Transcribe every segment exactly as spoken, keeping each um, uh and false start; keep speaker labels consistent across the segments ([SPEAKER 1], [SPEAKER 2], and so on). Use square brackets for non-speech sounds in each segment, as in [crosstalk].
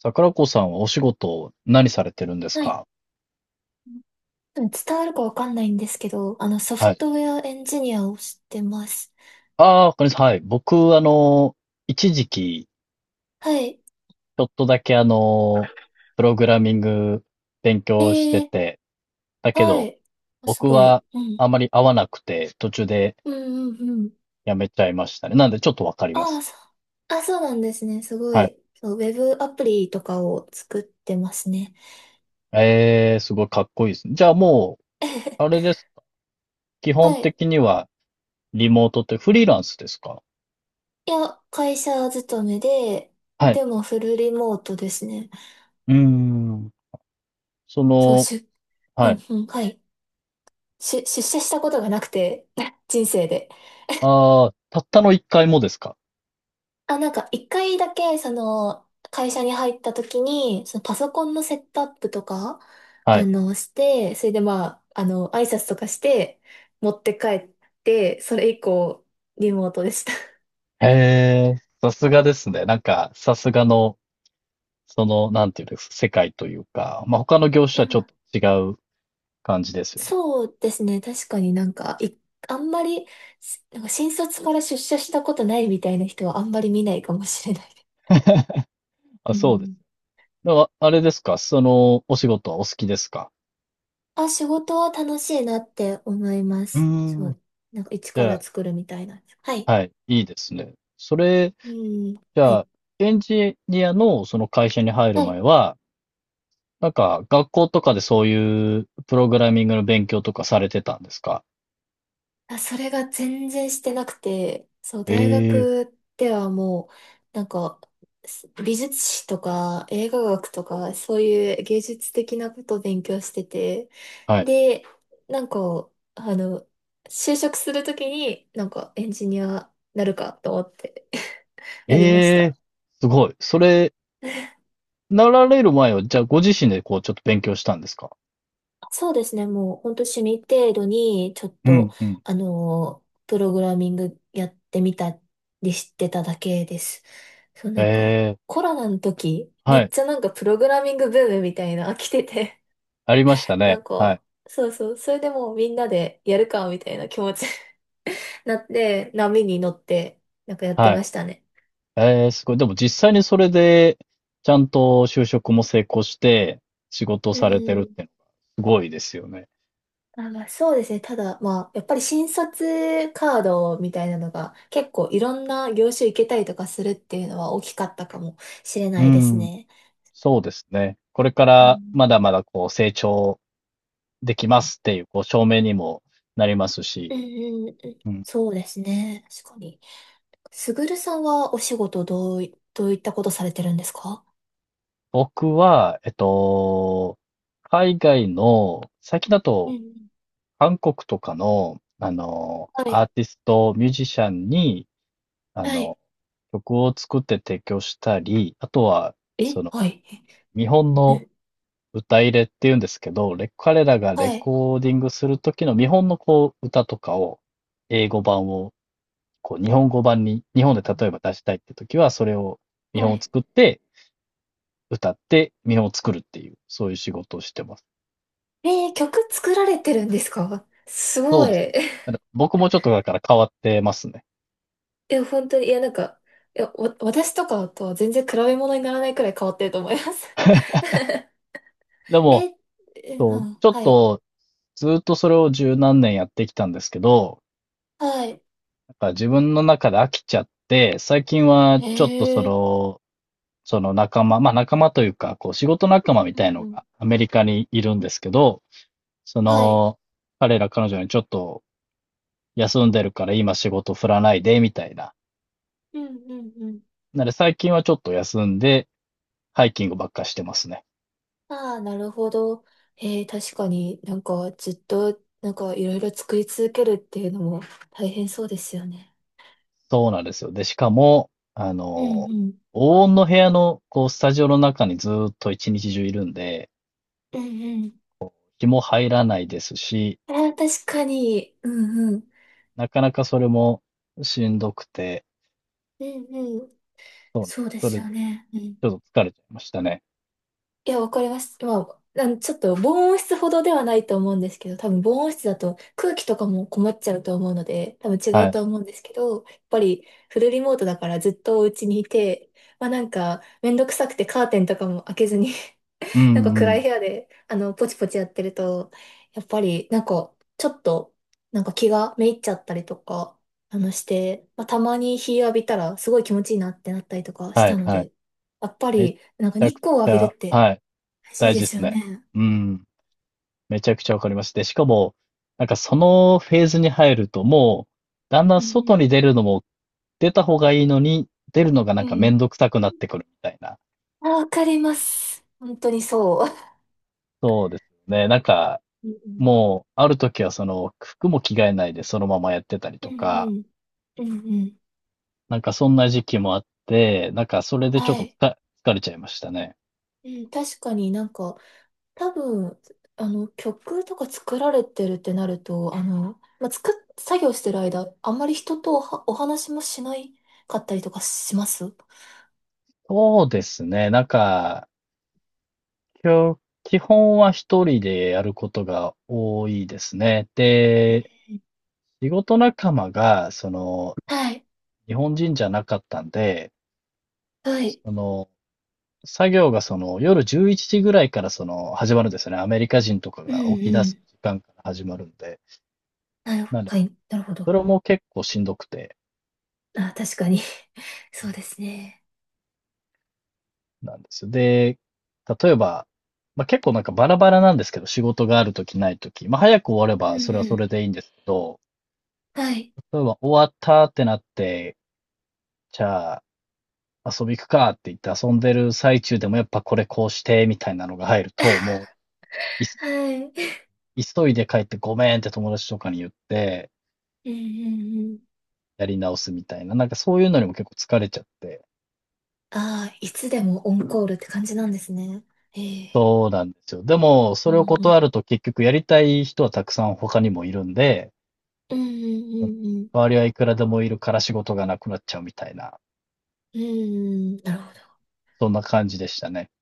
[SPEAKER 1] 桜子さんはお仕事、何されてるんです
[SPEAKER 2] はい。
[SPEAKER 1] か？
[SPEAKER 2] 多分伝わるかわかんないんですけど、あの、ソ
[SPEAKER 1] は
[SPEAKER 2] フ
[SPEAKER 1] い。
[SPEAKER 2] トウェアエンジニアをしてます。
[SPEAKER 1] ああ、わかりました。はい。僕、あの、一時期、
[SPEAKER 2] はい。
[SPEAKER 1] ちょっとだけあの、プログラミング勉
[SPEAKER 2] え
[SPEAKER 1] 強して
[SPEAKER 2] え、
[SPEAKER 1] て、だけ
[SPEAKER 2] は
[SPEAKER 1] ど、
[SPEAKER 2] い。す
[SPEAKER 1] 僕
[SPEAKER 2] ご
[SPEAKER 1] は
[SPEAKER 2] い。うん。
[SPEAKER 1] あまり合わなくて、途中で
[SPEAKER 2] うんうんうん。
[SPEAKER 1] やめちゃいましたね。なんで、ちょっとわかり
[SPEAKER 2] あ
[SPEAKER 1] ま
[SPEAKER 2] あ、
[SPEAKER 1] す。
[SPEAKER 2] そう。あ、そうなんですね。すご
[SPEAKER 1] はい。
[SPEAKER 2] い。そう、ウェブアプリとかを作ってますね。
[SPEAKER 1] えー、すごいかっこいいですね。じゃあもう、あれ
[SPEAKER 2] [laughs]
[SPEAKER 1] です。基本
[SPEAKER 2] はい。
[SPEAKER 1] 的には、リモートってフリーランスですか？
[SPEAKER 2] いや、会社勤めで、
[SPEAKER 1] はい。
[SPEAKER 2] でもフルリモートですね。
[SPEAKER 1] うーん。そ
[SPEAKER 2] そう、
[SPEAKER 1] の、
[SPEAKER 2] しゅ、[laughs] う
[SPEAKER 1] は
[SPEAKER 2] ん
[SPEAKER 1] い。
[SPEAKER 2] うん、はい。しゅ、出社したことがなくて、[laughs] 人生で。
[SPEAKER 1] ああ、たったの一回もですか？
[SPEAKER 2] あ、なんか一回だけ、その、会社に入った時に、そのパソコンのセットアップとか、
[SPEAKER 1] は
[SPEAKER 2] あ
[SPEAKER 1] い。
[SPEAKER 2] の、して、それでまあ、あの、挨拶とかして、持って帰って、それ以降、リモートでした。[laughs] い
[SPEAKER 1] へえ、さすがですね。なんか、さすがの、その、なんていうんですか、世界というか、まあ、他の業種と
[SPEAKER 2] や、
[SPEAKER 1] はちょ
[SPEAKER 2] ま
[SPEAKER 1] っ
[SPEAKER 2] あ、
[SPEAKER 1] と違う感じですよね。
[SPEAKER 2] そうですね。確かになんか、い、あんまり、しなんか新卒から出社したことないみたいな人はあんまり見ないかもしれないです。[laughs]
[SPEAKER 1] あ、
[SPEAKER 2] う
[SPEAKER 1] そうです。
[SPEAKER 2] ん。
[SPEAKER 1] でも、あれですか、その、お仕事はお好きですか？
[SPEAKER 2] あ、仕事は楽しいなって思いま
[SPEAKER 1] うー
[SPEAKER 2] す。そ
[SPEAKER 1] ん。
[SPEAKER 2] う。なんか一
[SPEAKER 1] じ
[SPEAKER 2] から
[SPEAKER 1] ゃ
[SPEAKER 2] 作るみたいな。は
[SPEAKER 1] あ、
[SPEAKER 2] い。
[SPEAKER 1] はい、いいですね。それ、
[SPEAKER 2] うん。
[SPEAKER 1] じ
[SPEAKER 2] は
[SPEAKER 1] ゃ
[SPEAKER 2] い。
[SPEAKER 1] あ、エンジニアのその会社に入る
[SPEAKER 2] は
[SPEAKER 1] 前
[SPEAKER 2] い。
[SPEAKER 1] は、なんか、学校とかでそういうプログラミングの勉強とかされてたんですか？
[SPEAKER 2] あ、それが全然してなくて、そう、
[SPEAKER 1] え
[SPEAKER 2] 大
[SPEAKER 1] え、
[SPEAKER 2] 学ではもう、なんか、す美術史とか映画学とか、そういう芸術的なことを勉強してて、
[SPEAKER 1] はい。
[SPEAKER 2] で、なんか、あの、就職するときに、なんかエンジニアなるかと思って [laughs] なりまし
[SPEAKER 1] ええ、
[SPEAKER 2] た。
[SPEAKER 1] すごい。それ、なられる前は、じゃあご自身でこうちょっと勉強したんですか？
[SPEAKER 2] そうですね。もう本当趣味程度に、ちょっ
[SPEAKER 1] う
[SPEAKER 2] と、
[SPEAKER 1] んうん。
[SPEAKER 2] あのー、プログラミングやってみたりしてただけです。そう、
[SPEAKER 1] え
[SPEAKER 2] なんか、
[SPEAKER 1] え、
[SPEAKER 2] コロナの時、め
[SPEAKER 1] は
[SPEAKER 2] っ
[SPEAKER 1] い。
[SPEAKER 2] ちゃなんかプログラミングブームみたいな、来てて、
[SPEAKER 1] ありました
[SPEAKER 2] [laughs] な
[SPEAKER 1] ね。
[SPEAKER 2] ん
[SPEAKER 1] は
[SPEAKER 2] か、
[SPEAKER 1] い。
[SPEAKER 2] そうそう、それでもうみんなでやるか、みたいな気持ちになって、波に乗って、なんかやって
[SPEAKER 1] は
[SPEAKER 2] ま
[SPEAKER 1] い。
[SPEAKER 2] したね。
[SPEAKER 1] ええ、すごい。でも実際にそれで、ちゃんと就職も成功して、仕事を
[SPEAKER 2] う
[SPEAKER 1] されてるっ
[SPEAKER 2] ん。
[SPEAKER 1] ていうのが、すごいですよね。
[SPEAKER 2] あ、そうですね。ただ、まあ、やっぱり新卒カードみたいなのが結構いろんな業種行けたりとかするっていうのは大きかったかもしれ
[SPEAKER 1] う
[SPEAKER 2] ないです
[SPEAKER 1] ん。
[SPEAKER 2] ね。
[SPEAKER 1] そうですね。これか
[SPEAKER 2] う
[SPEAKER 1] ら
[SPEAKER 2] ん、
[SPEAKER 1] まだまだこう成長できますっていう、こう証明にもなります
[SPEAKER 2] う
[SPEAKER 1] し。
[SPEAKER 2] ん、うんうん
[SPEAKER 1] うん。
[SPEAKER 2] そうですね。確かに。すぐるさんはお仕事どうい、どういったことされてるんですか？
[SPEAKER 1] 僕は、えっと、海外の最近だ
[SPEAKER 2] うん
[SPEAKER 1] と
[SPEAKER 2] うん。
[SPEAKER 1] 韓国とかの、あの、
[SPEAKER 2] は
[SPEAKER 1] アー
[SPEAKER 2] い。
[SPEAKER 1] ティスト、ミュージシャンに、あ
[SPEAKER 2] はい。
[SPEAKER 1] の、曲を作って提供したり、あとは、そ
[SPEAKER 2] え
[SPEAKER 1] の、
[SPEAKER 2] はい。
[SPEAKER 1] 見本の
[SPEAKER 2] え
[SPEAKER 1] 歌入れっていうんですけど、レ彼らがレ
[SPEAKER 2] はい。
[SPEAKER 1] コーディングする時の見本のこう、歌とかを、英語版を、こう、日本語版に、日本で例えば出したいって時は、それを、見
[SPEAKER 2] は
[SPEAKER 1] 本を
[SPEAKER 2] い。
[SPEAKER 1] 作って、歌って、見本を作るっていう、そういう仕事をしてます。
[SPEAKER 2] えー曲作られてるんですか？ [laughs] す
[SPEAKER 1] そう
[SPEAKER 2] ご
[SPEAKER 1] ですね。
[SPEAKER 2] い。[laughs]
[SPEAKER 1] だから僕もちょっとだから変わってますね。
[SPEAKER 2] いや、本当に、いや、なんか、いや、わ、私とかとは全然比べ物にならないくらい変わってると思います。
[SPEAKER 1] で
[SPEAKER 2] [laughs]
[SPEAKER 1] も、
[SPEAKER 2] え、え、
[SPEAKER 1] そ
[SPEAKER 2] う
[SPEAKER 1] う、
[SPEAKER 2] ん、
[SPEAKER 1] ちょっ
[SPEAKER 2] はい。
[SPEAKER 1] と、ずっとそれを十何年やってきたんですけど、
[SPEAKER 2] はい。
[SPEAKER 1] なんか自分の中で飽きちゃって、最近は
[SPEAKER 2] へ
[SPEAKER 1] ちょっとそ
[SPEAKER 2] え。
[SPEAKER 1] の、その仲間、まあ仲間というか、こう仕事仲間み
[SPEAKER 2] う
[SPEAKER 1] た
[SPEAKER 2] ん
[SPEAKER 1] いの
[SPEAKER 2] うん。
[SPEAKER 1] がアメリカにいるんですけど、そ
[SPEAKER 2] はい。
[SPEAKER 1] の、彼ら彼女にちょっと休んでるから今仕事振らないで、みたいな。
[SPEAKER 2] うんうんうん。
[SPEAKER 1] なので最近はちょっと休んで、ハイキングばっかしてますね。
[SPEAKER 2] ああ、なるほど。えー、確かになんかずっとなんかいろいろ作り続けるっていうのも大変そうですよね。
[SPEAKER 1] そうなんですよ。で、しかも、あ
[SPEAKER 2] うん
[SPEAKER 1] の、
[SPEAKER 2] うん。
[SPEAKER 1] 黄金の部屋の、こう、スタジオの中にずーっと一日中いるんで、
[SPEAKER 2] うんうん。
[SPEAKER 1] 気も入らないですし、
[SPEAKER 2] ああ、確かに。うんうん。
[SPEAKER 1] なかなかそれもしんどくて、
[SPEAKER 2] うんうん。
[SPEAKER 1] そうなんで
[SPEAKER 2] そ
[SPEAKER 1] す
[SPEAKER 2] うで
[SPEAKER 1] そ
[SPEAKER 2] す
[SPEAKER 1] れで
[SPEAKER 2] よ
[SPEAKER 1] ち
[SPEAKER 2] ね。うん。
[SPEAKER 1] ょっと疲れちゃいましたね。
[SPEAKER 2] いや、わかります。まあ、なんちょっと防音室ほどではないと思うんですけど、多分防音室だと空気とかも困っちゃうと思うので、多分違
[SPEAKER 1] は
[SPEAKER 2] う
[SPEAKER 1] い。
[SPEAKER 2] と思うんですけど、やっぱりフルリモートだからずっとお家にいて、まあなんかめんどくさくてカーテンとかも開けずに
[SPEAKER 1] うん
[SPEAKER 2] [laughs] なんか
[SPEAKER 1] う
[SPEAKER 2] 暗い
[SPEAKER 1] ん。
[SPEAKER 2] 部屋で、あの、ポチポチやってると、やっぱりなんかちょっと、なんか気がめいっちゃったりとか、あのして、まあたまに日浴びたらすごい気持ちいいなってなったりとかし
[SPEAKER 1] は
[SPEAKER 2] た
[SPEAKER 1] い
[SPEAKER 2] の
[SPEAKER 1] はい。
[SPEAKER 2] で、やっぱ
[SPEAKER 1] めち
[SPEAKER 2] りなんか
[SPEAKER 1] ゃ
[SPEAKER 2] 日
[SPEAKER 1] く
[SPEAKER 2] 光を
[SPEAKER 1] ち
[SPEAKER 2] 浴び
[SPEAKER 1] ゃ
[SPEAKER 2] るって、
[SPEAKER 1] はい、
[SPEAKER 2] 大事
[SPEAKER 1] 大
[SPEAKER 2] で
[SPEAKER 1] 事で
[SPEAKER 2] す
[SPEAKER 1] す
[SPEAKER 2] よ
[SPEAKER 1] ね。
[SPEAKER 2] ね。
[SPEAKER 1] うん。めちゃくちゃわかります。で、しかも、なんかそのフェーズに入ると、もう、だんだ
[SPEAKER 2] う
[SPEAKER 1] ん外
[SPEAKER 2] ん
[SPEAKER 1] に出るのも、出た方がいいのに、出るのがな
[SPEAKER 2] う
[SPEAKER 1] んか
[SPEAKER 2] ん。う
[SPEAKER 1] め
[SPEAKER 2] ん。
[SPEAKER 1] んどくさくなってくるみたいな。
[SPEAKER 2] あ、わかります。本当にそう。
[SPEAKER 1] そうですね。なんか、
[SPEAKER 2] うん
[SPEAKER 1] もう、ある時はその、服も着替えないでそのままやってたり
[SPEAKER 2] う
[SPEAKER 1] と
[SPEAKER 2] んう
[SPEAKER 1] か
[SPEAKER 2] ん。うんうん。
[SPEAKER 1] なんかそんな時期もあって、なんかそれでちょっ
[SPEAKER 2] は
[SPEAKER 1] とつ
[SPEAKER 2] い。
[SPEAKER 1] 疲れちゃいましたね。
[SPEAKER 2] うん、確かになんか、多分、あの、曲とか作られてるってなると、あの、まあ、作っ、作業してる間、あんまり人とおは、お話もしないかったりとかします？
[SPEAKER 1] そうですね。なんか、きょ基本は一人でやることが多いですね。で、仕事仲間が、その、
[SPEAKER 2] はい。
[SPEAKER 1] 日本人じゃなかったんで、
[SPEAKER 2] はい。
[SPEAKER 1] その、作業がその夜じゅういちじぐらいからその始まるんですよね。アメリカ人とか
[SPEAKER 2] うん
[SPEAKER 1] が起き出
[SPEAKER 2] う
[SPEAKER 1] す
[SPEAKER 2] ん。
[SPEAKER 1] 時間から始まるんで。
[SPEAKER 2] なるほ、
[SPEAKER 1] なんで、
[SPEAKER 2] はい、なるほ
[SPEAKER 1] そ
[SPEAKER 2] ど。
[SPEAKER 1] れも結構しんどくて。
[SPEAKER 2] あ、確かに。[laughs] そうですね。
[SPEAKER 1] なんですよ。で、例えば、まあ、結構なんかバラバラなんですけど、仕事があるときないとき。まあ、早く終われ
[SPEAKER 2] うん
[SPEAKER 1] ばそれは
[SPEAKER 2] う
[SPEAKER 1] それ
[SPEAKER 2] ん。
[SPEAKER 1] でいいんですけど、
[SPEAKER 2] はい。
[SPEAKER 1] 例えば終わったってなって、じゃあ遊び行くかって言って遊んでる最中でもやっぱこれこうしてみたいなのが入ると、
[SPEAKER 2] [laughs]
[SPEAKER 1] もうい
[SPEAKER 2] はい。
[SPEAKER 1] 急いで帰ってごめんって友達とかに言って
[SPEAKER 2] うんうんうん。
[SPEAKER 1] やり直すみたいな、なんかそういうのにも結構疲れちゃって。
[SPEAKER 2] ああ、いつでもオンコールって感じなんですね。ええ。
[SPEAKER 1] そうなんですよ。でも、
[SPEAKER 2] う
[SPEAKER 1] それを
[SPEAKER 2] ん
[SPEAKER 1] 断ると結局やりたい人はたくさん他にもいるんで、
[SPEAKER 2] うんうんう
[SPEAKER 1] その、
[SPEAKER 2] んうん。
[SPEAKER 1] 周りはいくらでもいるから仕事がなくなっちゃうみたいな、
[SPEAKER 2] うん、なるほど。
[SPEAKER 1] そんな感じでしたね。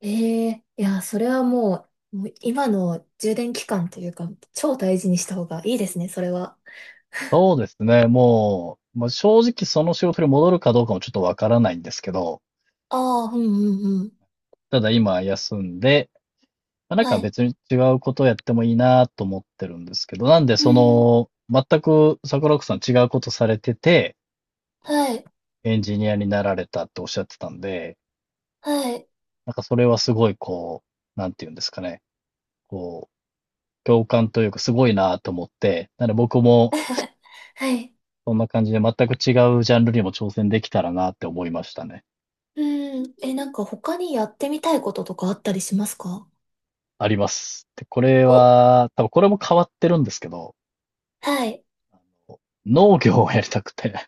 [SPEAKER 2] ええ、いや、それはもう、もう今の充電期間というか、超大事にした方がいいですね、それは。
[SPEAKER 1] そうですね、もう、まあ、正直その仕事に戻るかどうかもちょっとわからないんですけど、
[SPEAKER 2] ああ、うんうんうん。
[SPEAKER 1] ただ今休んで、まあ、なん
[SPEAKER 2] は
[SPEAKER 1] か
[SPEAKER 2] い。
[SPEAKER 1] 別に違うことをやってもいいなと思ってるんですけど、なんで
[SPEAKER 2] う
[SPEAKER 1] そ
[SPEAKER 2] ん、
[SPEAKER 1] の、全く桜子さん違うことされてて、
[SPEAKER 2] はい、
[SPEAKER 1] エンジニアになられたっておっしゃってたんで、
[SPEAKER 2] はい。
[SPEAKER 1] なんかそれはすごいこう、なんていうんですかね、こう、共感というかすごいなと思って、なので僕も
[SPEAKER 2] [laughs] はい。
[SPEAKER 1] そんな感じで全く違うジャンルにも挑戦できたらなって思いましたね。
[SPEAKER 2] うん、え、なんか他にやってみたいこととかあったりしますか？
[SPEAKER 1] あります。で、これ
[SPEAKER 2] お、
[SPEAKER 1] は、多分これも変わってるんですけど、
[SPEAKER 2] はい。
[SPEAKER 1] 農業をやりたくて、[laughs]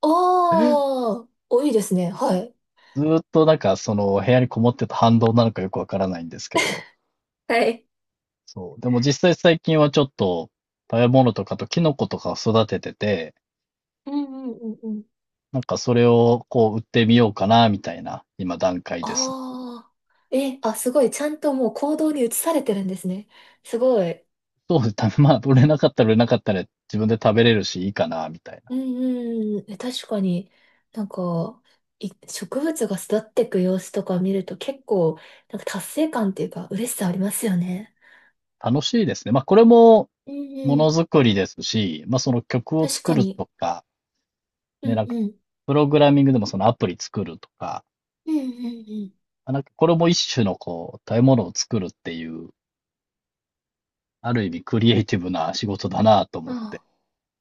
[SPEAKER 2] おー、お、いいですね。はい。
[SPEAKER 1] ずーっとなんかその部屋にこもってた反動なのかよくわからないんですけど、
[SPEAKER 2] はい
[SPEAKER 1] そう。でも実際最近はちょっと食べ物とかとキノコとかを育ててて、
[SPEAKER 2] うんうんうんうん。
[SPEAKER 1] なんかそれをこう売ってみようかな、みたいな今段階ですね。
[SPEAKER 2] ああ。え、あ、すごい。ちゃんともう行動に移されてるんですね。すごい。
[SPEAKER 1] そうです。たまあ、売れなかったら売れなかったら自分で食べれるしいいかな、みたいな。
[SPEAKER 2] うんうんうん。え、確かに、なんか、い、植物が育っていく様子とか見ると結構、なんか達成感っていうか、嬉しさありますよね。
[SPEAKER 1] 楽しいですね。まあこれも
[SPEAKER 2] う
[SPEAKER 1] も
[SPEAKER 2] んう
[SPEAKER 1] の
[SPEAKER 2] ん。
[SPEAKER 1] づくりですし、まあ、その曲を
[SPEAKER 2] 確
[SPEAKER 1] 作
[SPEAKER 2] か
[SPEAKER 1] る
[SPEAKER 2] に。
[SPEAKER 1] とか、
[SPEAKER 2] う
[SPEAKER 1] ね、な
[SPEAKER 2] ん
[SPEAKER 1] んか、
[SPEAKER 2] うん。
[SPEAKER 1] プログラミングでもそのアプリ作るとか、
[SPEAKER 2] うんうん
[SPEAKER 1] まあなんかこれも一種のこう、食べ物を作るっていう、ある意味クリエイティブな仕事だなと思
[SPEAKER 2] う
[SPEAKER 1] っ
[SPEAKER 2] ん。
[SPEAKER 1] て。
[SPEAKER 2] あ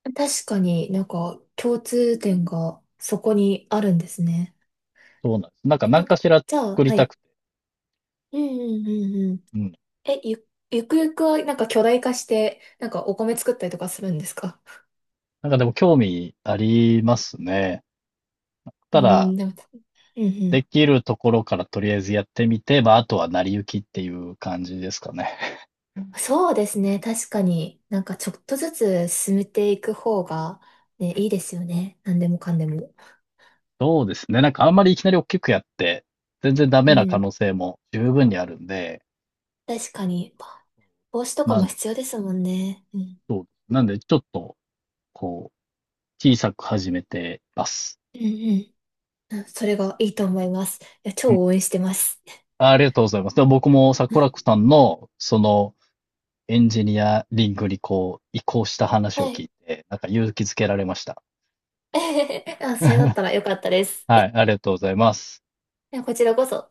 [SPEAKER 2] あ。確かになんか共通点がそこにあるんですね。
[SPEAKER 1] そうなんです。なんか
[SPEAKER 2] え、な
[SPEAKER 1] 何
[SPEAKER 2] ん
[SPEAKER 1] か
[SPEAKER 2] か、
[SPEAKER 1] しら
[SPEAKER 2] じゃあ、
[SPEAKER 1] 作り
[SPEAKER 2] は
[SPEAKER 1] た
[SPEAKER 2] い。
[SPEAKER 1] くて。
[SPEAKER 2] うんうんうんうん。
[SPEAKER 1] うん。
[SPEAKER 2] え、ゆ、ゆくゆくはなんか巨大化して、なんかお米作ったりとかするんですか？
[SPEAKER 1] なんかでも興味ありますね。
[SPEAKER 2] う
[SPEAKER 1] ただ、
[SPEAKER 2] ん、でも、うんう
[SPEAKER 1] で
[SPEAKER 2] ん。
[SPEAKER 1] きるところからとりあえずやってみて、まあ、あとは成り行きっていう感じですかね。
[SPEAKER 2] そうですね。確かになんかちょっとずつ進めていく方が、ね、いいですよね。何でもかんでも。
[SPEAKER 1] そうですね。なんかあんまりいきなり大きくやって、全然ダ
[SPEAKER 2] う
[SPEAKER 1] メな可
[SPEAKER 2] ん。
[SPEAKER 1] 能性も十分にあるんで、
[SPEAKER 2] 確かに、帽子とか
[SPEAKER 1] な
[SPEAKER 2] も
[SPEAKER 1] ん
[SPEAKER 2] 必要ですもんね。うん。
[SPEAKER 1] そうです。なんで、ちょっと、こう、小さく始めてます。
[SPEAKER 2] うんうん。うん。それがいいと思います。いや、超
[SPEAKER 1] うん。
[SPEAKER 2] 応援してます。
[SPEAKER 1] あありがとうございます。でも僕も桜子さんの、その、エンジニアリングにこう、移行した話を
[SPEAKER 2] は
[SPEAKER 1] 聞
[SPEAKER 2] い。
[SPEAKER 1] いて、なんか勇気づけられました。
[SPEAKER 2] [laughs] あ、それだっ
[SPEAKER 1] [laughs]
[SPEAKER 2] たらよかったです。
[SPEAKER 1] はい、ありがとうございます。
[SPEAKER 2] いやこちらこそ。